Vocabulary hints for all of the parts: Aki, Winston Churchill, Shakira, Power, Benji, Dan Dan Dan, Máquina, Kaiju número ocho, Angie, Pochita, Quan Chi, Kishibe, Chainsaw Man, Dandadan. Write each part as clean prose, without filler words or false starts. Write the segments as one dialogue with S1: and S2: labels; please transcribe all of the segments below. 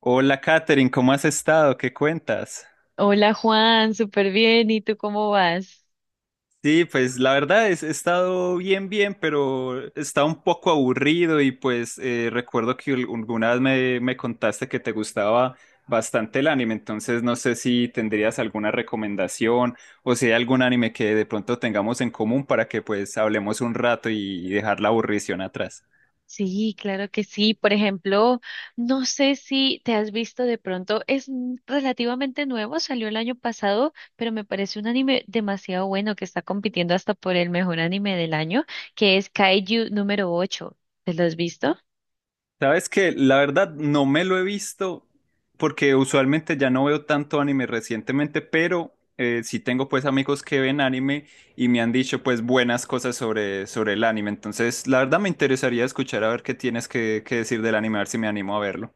S1: Hola, Katherine, ¿cómo has estado? ¿Qué cuentas?
S2: Hola Juan, súper bien. ¿Y tú cómo vas?
S1: Sí, pues la verdad es, he estado bien, bien, pero está un poco aburrido y pues recuerdo que alguna vez me contaste que te gustaba bastante el anime, entonces no sé si tendrías alguna recomendación o si hay algún anime que de pronto tengamos en común para que pues hablemos un rato y dejar la aburrición atrás.
S2: Sí, claro que sí. Por ejemplo, no sé si te has visto de pronto, es relativamente nuevo, salió el año pasado, pero me parece un anime demasiado bueno que está compitiendo hasta por el mejor anime del año, que es Kaiju número 8. ¿Te lo has visto?
S1: Sabes que la verdad no me lo he visto porque usualmente ya no veo tanto anime recientemente, pero sí tengo pues amigos que ven anime y me han dicho pues buenas cosas sobre el anime. Entonces, la verdad me interesaría escuchar a ver qué tienes que decir del anime, a ver si me animo a verlo.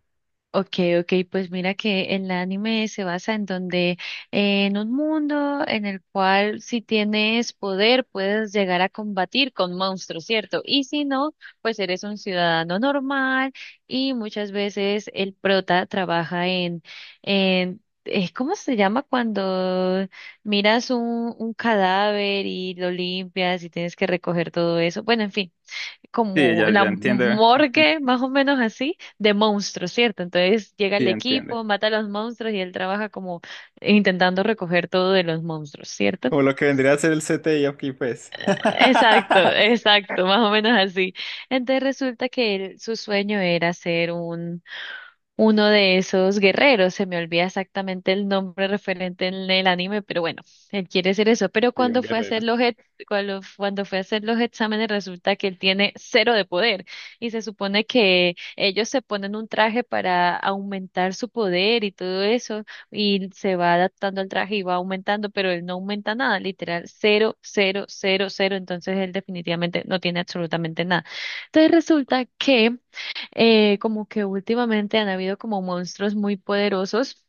S2: Okay, okay, pues mira que el anime se basa en un mundo en el cual si tienes poder puedes llegar a combatir con monstruos, ¿cierto? Y si no, pues eres un ciudadano normal y muchas veces el prota trabaja en, ¿cómo se llama cuando miras un cadáver y lo limpias y tienes que recoger todo eso? Bueno, en fin,
S1: Sí,
S2: como
S1: ya,
S2: la
S1: ya entiende,
S2: morgue, más o menos así, de monstruos, ¿cierto? Entonces llega
S1: sí
S2: el
S1: entiende.
S2: equipo, mata a los monstruos y él trabaja como intentando recoger todo de los monstruos, ¿cierto?
S1: Como lo que vendría a ser el CTI aquí pues.
S2: Exacto, exacto, más o menos así. Entonces resulta que su sueño era ser un uno de esos guerreros, se me olvida exactamente el nombre referente en el anime, pero bueno, él quiere ser eso. Pero
S1: Sí, un
S2: cuando fue a
S1: guerrero.
S2: hacer cuando fue a hacer los exámenes, resulta que él tiene cero de poder. Y se supone que ellos se ponen un traje para aumentar su poder y todo eso, y se va adaptando al traje y va aumentando, pero él no aumenta nada, literal, cero, cero, cero, cero. Entonces él definitivamente no tiene absolutamente nada. Entonces resulta que como que últimamente han habido como monstruos muy poderosos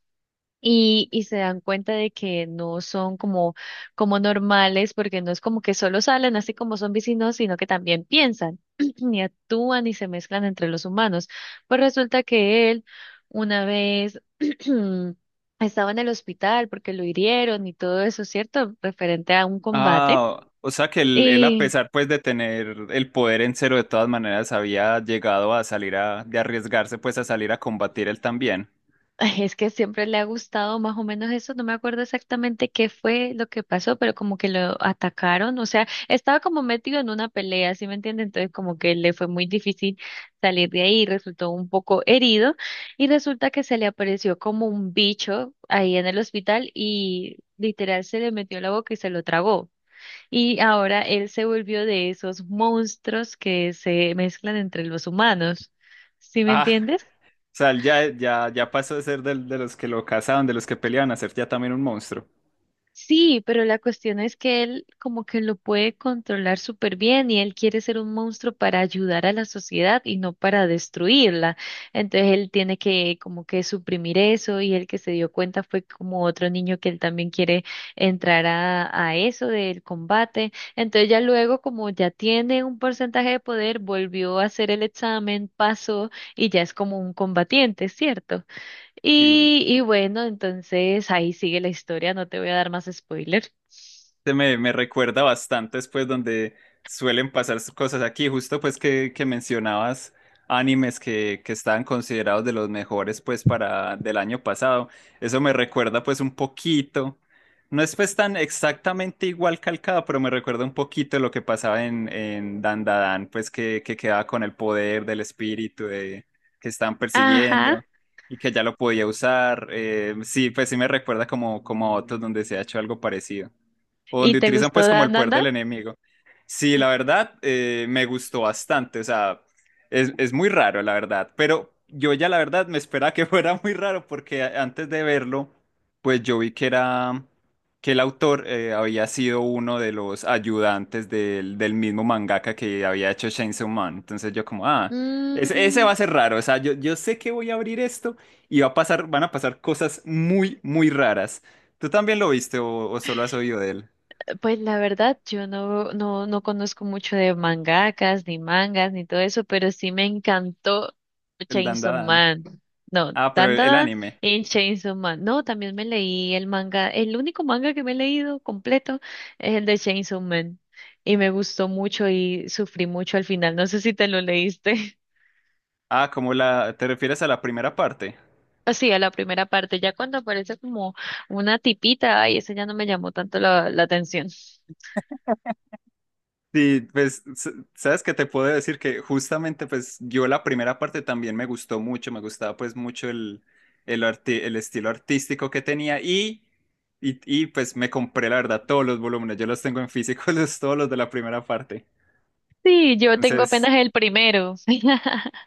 S2: y se dan cuenta de que no son como normales, porque no es como que solo salen así como son vecinos, sino que también piensan y actúan y se mezclan entre los humanos. Pues resulta que él una vez estaba en el hospital porque lo hirieron y todo eso, ¿cierto? Referente a un combate.
S1: Ah, o sea que él, a pesar pues de tener el poder en cero, de todas maneras había llegado a salir de arriesgarse pues a salir a combatir él también.
S2: Ay, es que siempre le ha gustado más o menos eso, no me acuerdo exactamente qué fue lo que pasó, pero como que lo atacaron, o sea, estaba como metido en una pelea, ¿sí me entiende? Entonces como que le fue muy difícil salir de ahí, resultó un poco herido y resulta que se le apareció como un bicho ahí en el hospital y literal se le metió en la boca y se lo tragó. Y ahora él se volvió de esos monstruos que se mezclan entre los humanos, ¿sí me
S1: Ah,
S2: entiendes?
S1: o sea, él ya pasó de ser los que lo cazaban, de los que peleaban, a ser ya también un monstruo.
S2: Sí, pero la cuestión es que él como que lo puede controlar súper bien y él quiere ser un monstruo para ayudar a la sociedad y no para destruirla. Entonces él tiene que como que suprimir eso y el que se dio cuenta fue como otro niño que él también quiere entrar a eso del combate. Entonces ya luego como ya tiene un porcentaje de poder, volvió a hacer el examen, pasó y ya es como un combatiente, ¿cierto?
S1: Sí.
S2: Y bueno, entonces ahí sigue la historia, no te voy a dar más spoiler.
S1: Me recuerda bastante después donde suelen pasar cosas aquí, justo pues que mencionabas animes que estaban considerados de los mejores pues para del año pasado. Eso me recuerda pues un poquito, no es pues tan exactamente igual calcado, pero me recuerda un poquito lo que pasaba en Dandadan, pues que quedaba con el poder del espíritu de, que estaban
S2: Ajá.
S1: persiguiendo y que ya lo podía usar. Sí, pues sí me recuerda como a otros donde se ha hecho algo parecido o
S2: ¿Y
S1: donde
S2: te
S1: utilizan
S2: gustó
S1: pues como el
S2: Dan Dan
S1: poder
S2: Dan?
S1: del enemigo. Sí, la verdad, me gustó bastante, o sea, es muy raro, la verdad, pero yo ya la verdad me esperaba que fuera muy raro porque antes de verlo, pues yo vi que era, que el autor había sido uno de los ayudantes del mismo mangaka que había hecho Chainsaw Man, entonces yo como, ah, ese
S2: Mm,
S1: va a ser raro, o sea, yo sé que voy a abrir esto y van a pasar cosas muy, muy raras. ¿Tú también lo viste o solo has oído de él?
S2: Pues la verdad, yo no conozco mucho de mangakas, ni mangas, ni todo eso, pero sí me encantó
S1: El
S2: Chainsaw
S1: Dandadan.
S2: Man. No,
S1: Ah, pero
S2: tan tan
S1: el
S2: tan,
S1: anime.
S2: en Chainsaw Man. No, también me leí el manga, el único manga que me he leído completo es el de Chainsaw Man. Y me gustó mucho y sufrí mucho al final. No sé si te lo leíste.
S1: Ah, ¿Te refieres a la primera parte?
S2: Así, a la primera parte, ya cuando aparece como una tipita, ay, ese ya no me llamó tanto la atención.
S1: Sí, pues, sabes que te puedo decir que justamente, pues, yo la primera parte también me gustó mucho, me gustaba, pues, mucho el estilo artístico que tenía pues, me compré, la verdad, todos los volúmenes, yo los tengo en físico, los, todos los de la primera parte.
S2: Sí, yo tengo
S1: Entonces,
S2: apenas el primero.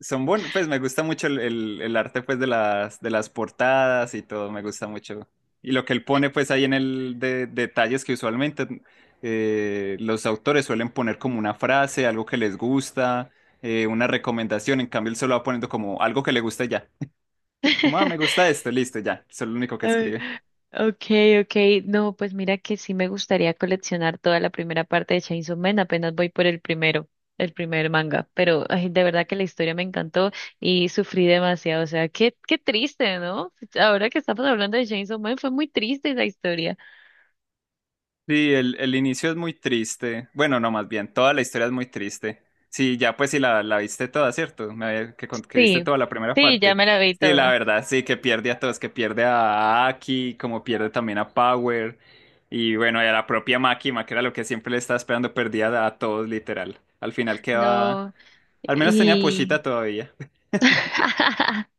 S1: son buenos, pues me gusta mucho el arte pues de las portadas y todo, me gusta mucho. Y lo que él pone pues ahí detalles que usualmente los autores suelen poner como una frase, algo que les gusta, una recomendación, en cambio él solo va poniendo como algo que le gusta y ya. Como, ah, me gusta esto, listo, ya, eso es lo único que
S2: Ay,
S1: escribe.
S2: okay, okay. No, pues mira que sí me gustaría coleccionar toda la primera parte de Chainsaw Man. Apenas voy por el primero, el primer manga. Pero ay, de verdad que la historia me encantó y sufrí demasiado. O sea, qué triste, ¿no? Ahora que estamos hablando de Chainsaw Man, fue muy triste esa historia.
S1: Sí, el inicio es muy triste. Bueno, no, más bien, toda la historia es muy triste. Sí, ya pues sí la viste toda, ¿cierto? Me había- que, con- Que viste
S2: Sí,
S1: toda la primera
S2: sí, ya
S1: parte.
S2: me la vi
S1: Sí, la
S2: toda.
S1: verdad, sí, que pierde a todos, que pierde a Aki, como pierde también a Power. Y bueno, y a la propia Máquina, que era lo que siempre le estaba esperando, perdía a todos, literal. Al final queda...
S2: No.
S1: Al menos tenía Pochita todavía.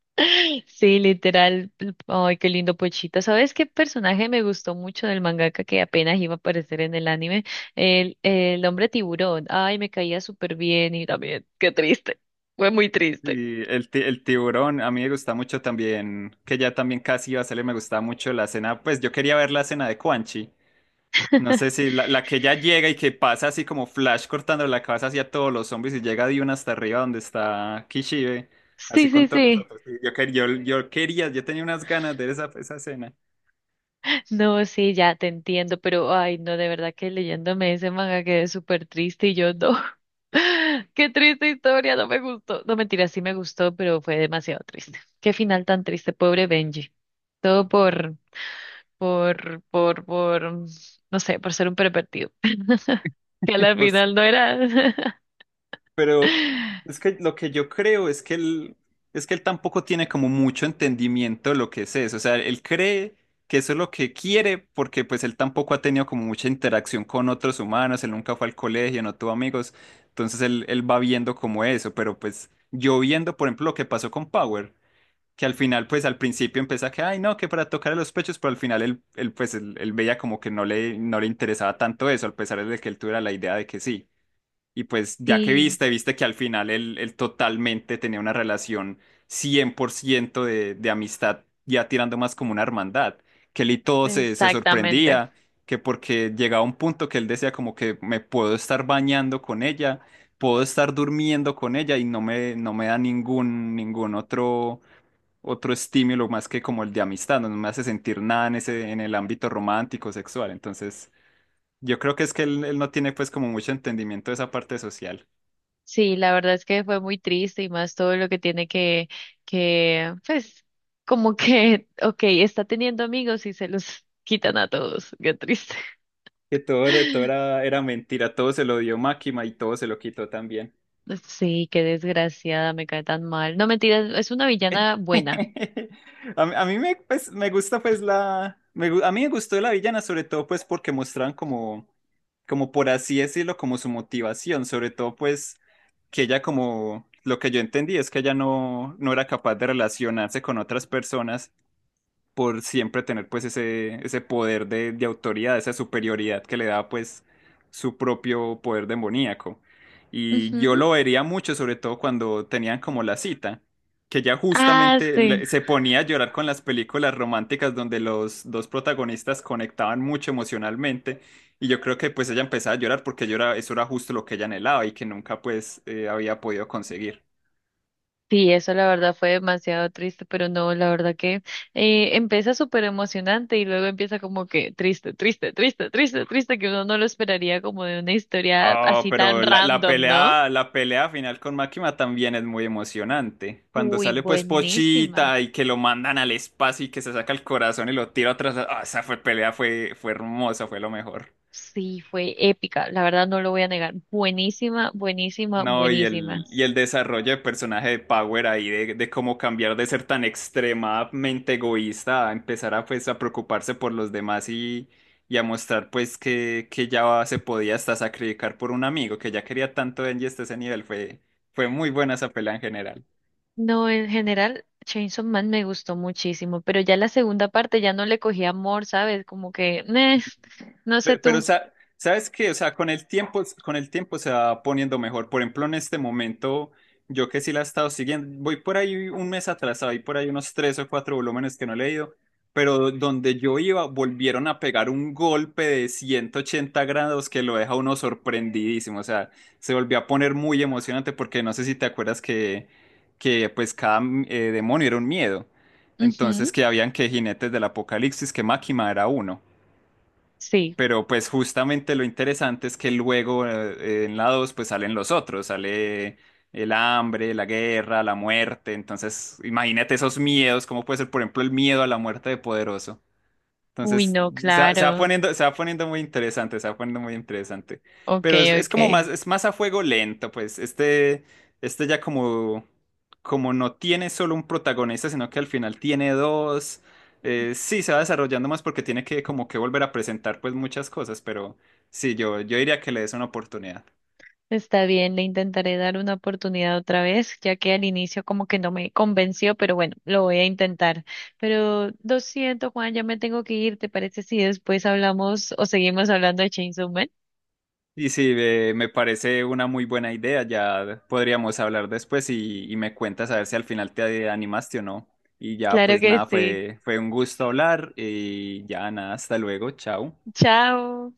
S2: Sí, literal. Ay, qué lindo Pochita. ¿Sabes qué personaje me gustó mucho del mangaka que apenas iba a aparecer en el anime? El hombre tiburón. Ay, me caía súper bien y también, qué triste. Fue muy triste.
S1: Y el tiburón, a mí me gusta mucho también, que ya también casi iba a salir, me gustaba mucho la escena, pues yo quería ver la escena de Quan Chi. No sé si la que ya llega y que pasa así como Flash cortando la cabeza hacia todos los zombies y llega de una hasta arriba donde está Kishibe, así
S2: Sí,
S1: con
S2: sí,
S1: todos los
S2: sí.
S1: otros. Y Yo, quer- yo quería, yo tenía unas ganas de ver esa escena.
S2: No, sí, ya te entiendo, pero ay, no, de verdad que leyéndome ese manga quedé súper triste y yo no. Qué triste historia, no me gustó. No, mentira, sí me gustó, pero fue demasiado triste. Qué final tan triste, pobre Benji. Todo por, no sé, por ser un pervertido. Que a la final no era.
S1: Pero es que lo que yo creo es que es que él tampoco tiene como mucho entendimiento de lo que es eso. O sea, él cree que eso es lo que quiere porque pues él tampoco ha tenido como mucha interacción con otros humanos, él nunca fue al colegio, no tuvo amigos. Entonces él va viendo como eso, pero pues yo viendo, por ejemplo, lo que pasó con Power, que al final pues al principio empieza que, ay no, que para tocarle los pechos, pero al final él veía como que no le interesaba tanto eso, a pesar de que él tuviera la idea de que sí. Y pues ya que
S2: Sí,
S1: viste que al final él totalmente tenía una relación 100% de amistad, ya tirando más como una hermandad, que él y todo se
S2: exactamente.
S1: sorprendía, que porque llegaba un punto que él decía como que me puedo estar bañando con ella, puedo estar durmiendo con ella y no me da ningún otro estímulo más que como el de amistad, no me hace sentir nada en en el ámbito romántico, sexual. Entonces, yo creo que es que él no tiene pues como mucho entendimiento de esa parte social.
S2: Sí, la verdad es que fue muy triste y más todo lo que tiene que, pues, como que, ok, está teniendo amigos y se los quitan a todos. Qué triste.
S1: Que todo era, todo era, era mentira, todo se lo dio Máquina y todo se lo quitó también.
S2: Sí, qué desgraciada, me cae tan mal. No, mentiras, es una villana buena.
S1: A mí me, pues, me gusta pues la... me gu- A mí me gustó la villana sobre todo pues porque mostraban como por así decirlo, como su motivación. Sobre todo pues que ella como... Lo que yo entendí es que ella no era capaz de relacionarse con otras personas por siempre tener pues ese poder de autoridad, esa superioridad que le da pues su propio poder demoníaco. Y yo
S2: Ujú.
S1: lo vería mucho, sobre todo cuando tenían como la cita, que ya
S2: Ah,
S1: justamente
S2: sí.
S1: se ponía a llorar con las películas románticas donde los dos protagonistas conectaban mucho emocionalmente y yo creo que pues ella empezaba a llorar porque eso era justo lo que ella anhelaba y que nunca pues había podido conseguir.
S2: Sí, eso la verdad fue demasiado triste, pero no, la verdad que empieza súper emocionante y luego empieza como que triste, triste, triste, triste, triste, que uno no lo esperaría como de una historia
S1: Oh,
S2: así
S1: pero
S2: tan random, ¿no?
S1: la pelea final con Máquina también es muy emocionante. Cuando
S2: Uy,
S1: sale pues
S2: buenísima.
S1: Pochita y que lo mandan al espacio y que se saca el corazón y lo tira atrás. Ah, esa fue pelea, fue hermosa, fue lo mejor.
S2: Sí, fue épica, la verdad no lo voy a negar. Buenísima, buenísima,
S1: No, y
S2: buenísima.
S1: y el desarrollo de personaje de Power ahí, de cómo cambiar de ser tan extremadamente egoísta a empezar a, pues, a preocuparse por los demás y a mostrar pues que ya se podía hasta sacrificar por un amigo, que ya quería tanto a Angie hasta ese nivel, fue muy buena esa pelea en general.
S2: No, en general, Chainsaw Man me gustó muchísimo, pero ya la segunda parte ya no le cogí amor, ¿sabes? Como que, "Neh, no sé tú".
S1: Pero, ¿sabes qué? O sea, con el tiempo se va poniendo mejor. Por ejemplo, en este momento, yo que sí la he estado siguiendo, voy por ahí un mes atrasado, hay por ahí unos tres o cuatro volúmenes que no he leído, pero donde yo iba, volvieron a pegar un golpe de 180 grados que lo deja a uno sorprendidísimo. O sea, se volvió a poner muy emocionante porque no sé si te acuerdas que pues cada demonio era un miedo. Entonces,
S2: Ujú,
S1: que habían que jinetes del apocalipsis, que Máquina era uno.
S2: sí.
S1: Pero pues justamente lo interesante es que luego en la 2 pues salen los otros, sale el hambre, la guerra, la muerte, entonces imagínate esos miedos, cómo puede ser por ejemplo el miedo a la muerte de Poderoso.
S2: Uy,
S1: Entonces,
S2: no, claro.
S1: se va poniendo muy interesante, se va poniendo muy interesante.
S2: Ok,
S1: Pero
S2: ok.
S1: es más a fuego lento, pues. Este ya como no tiene solo un protagonista, sino que al final tiene dos. Sí, se va desarrollando más porque tiene que como que volver a presentar pues muchas cosas, pero sí, yo diría que le des una oportunidad.
S2: Está bien, le intentaré dar una oportunidad otra vez, ya que al inicio como que no me convenció, pero bueno, lo voy a intentar. Pero lo siento, Juan, ya me tengo que ir. ¿Te parece si después hablamos o seguimos hablando de Chainsaw Man?
S1: Y sí, me parece una muy buena idea. Ya podríamos hablar después y me cuentas a ver si al final te animaste o no. Y ya,
S2: Claro
S1: pues
S2: que
S1: nada,
S2: sí.
S1: fue un gusto hablar y ya nada, hasta luego, chao.
S2: Chao.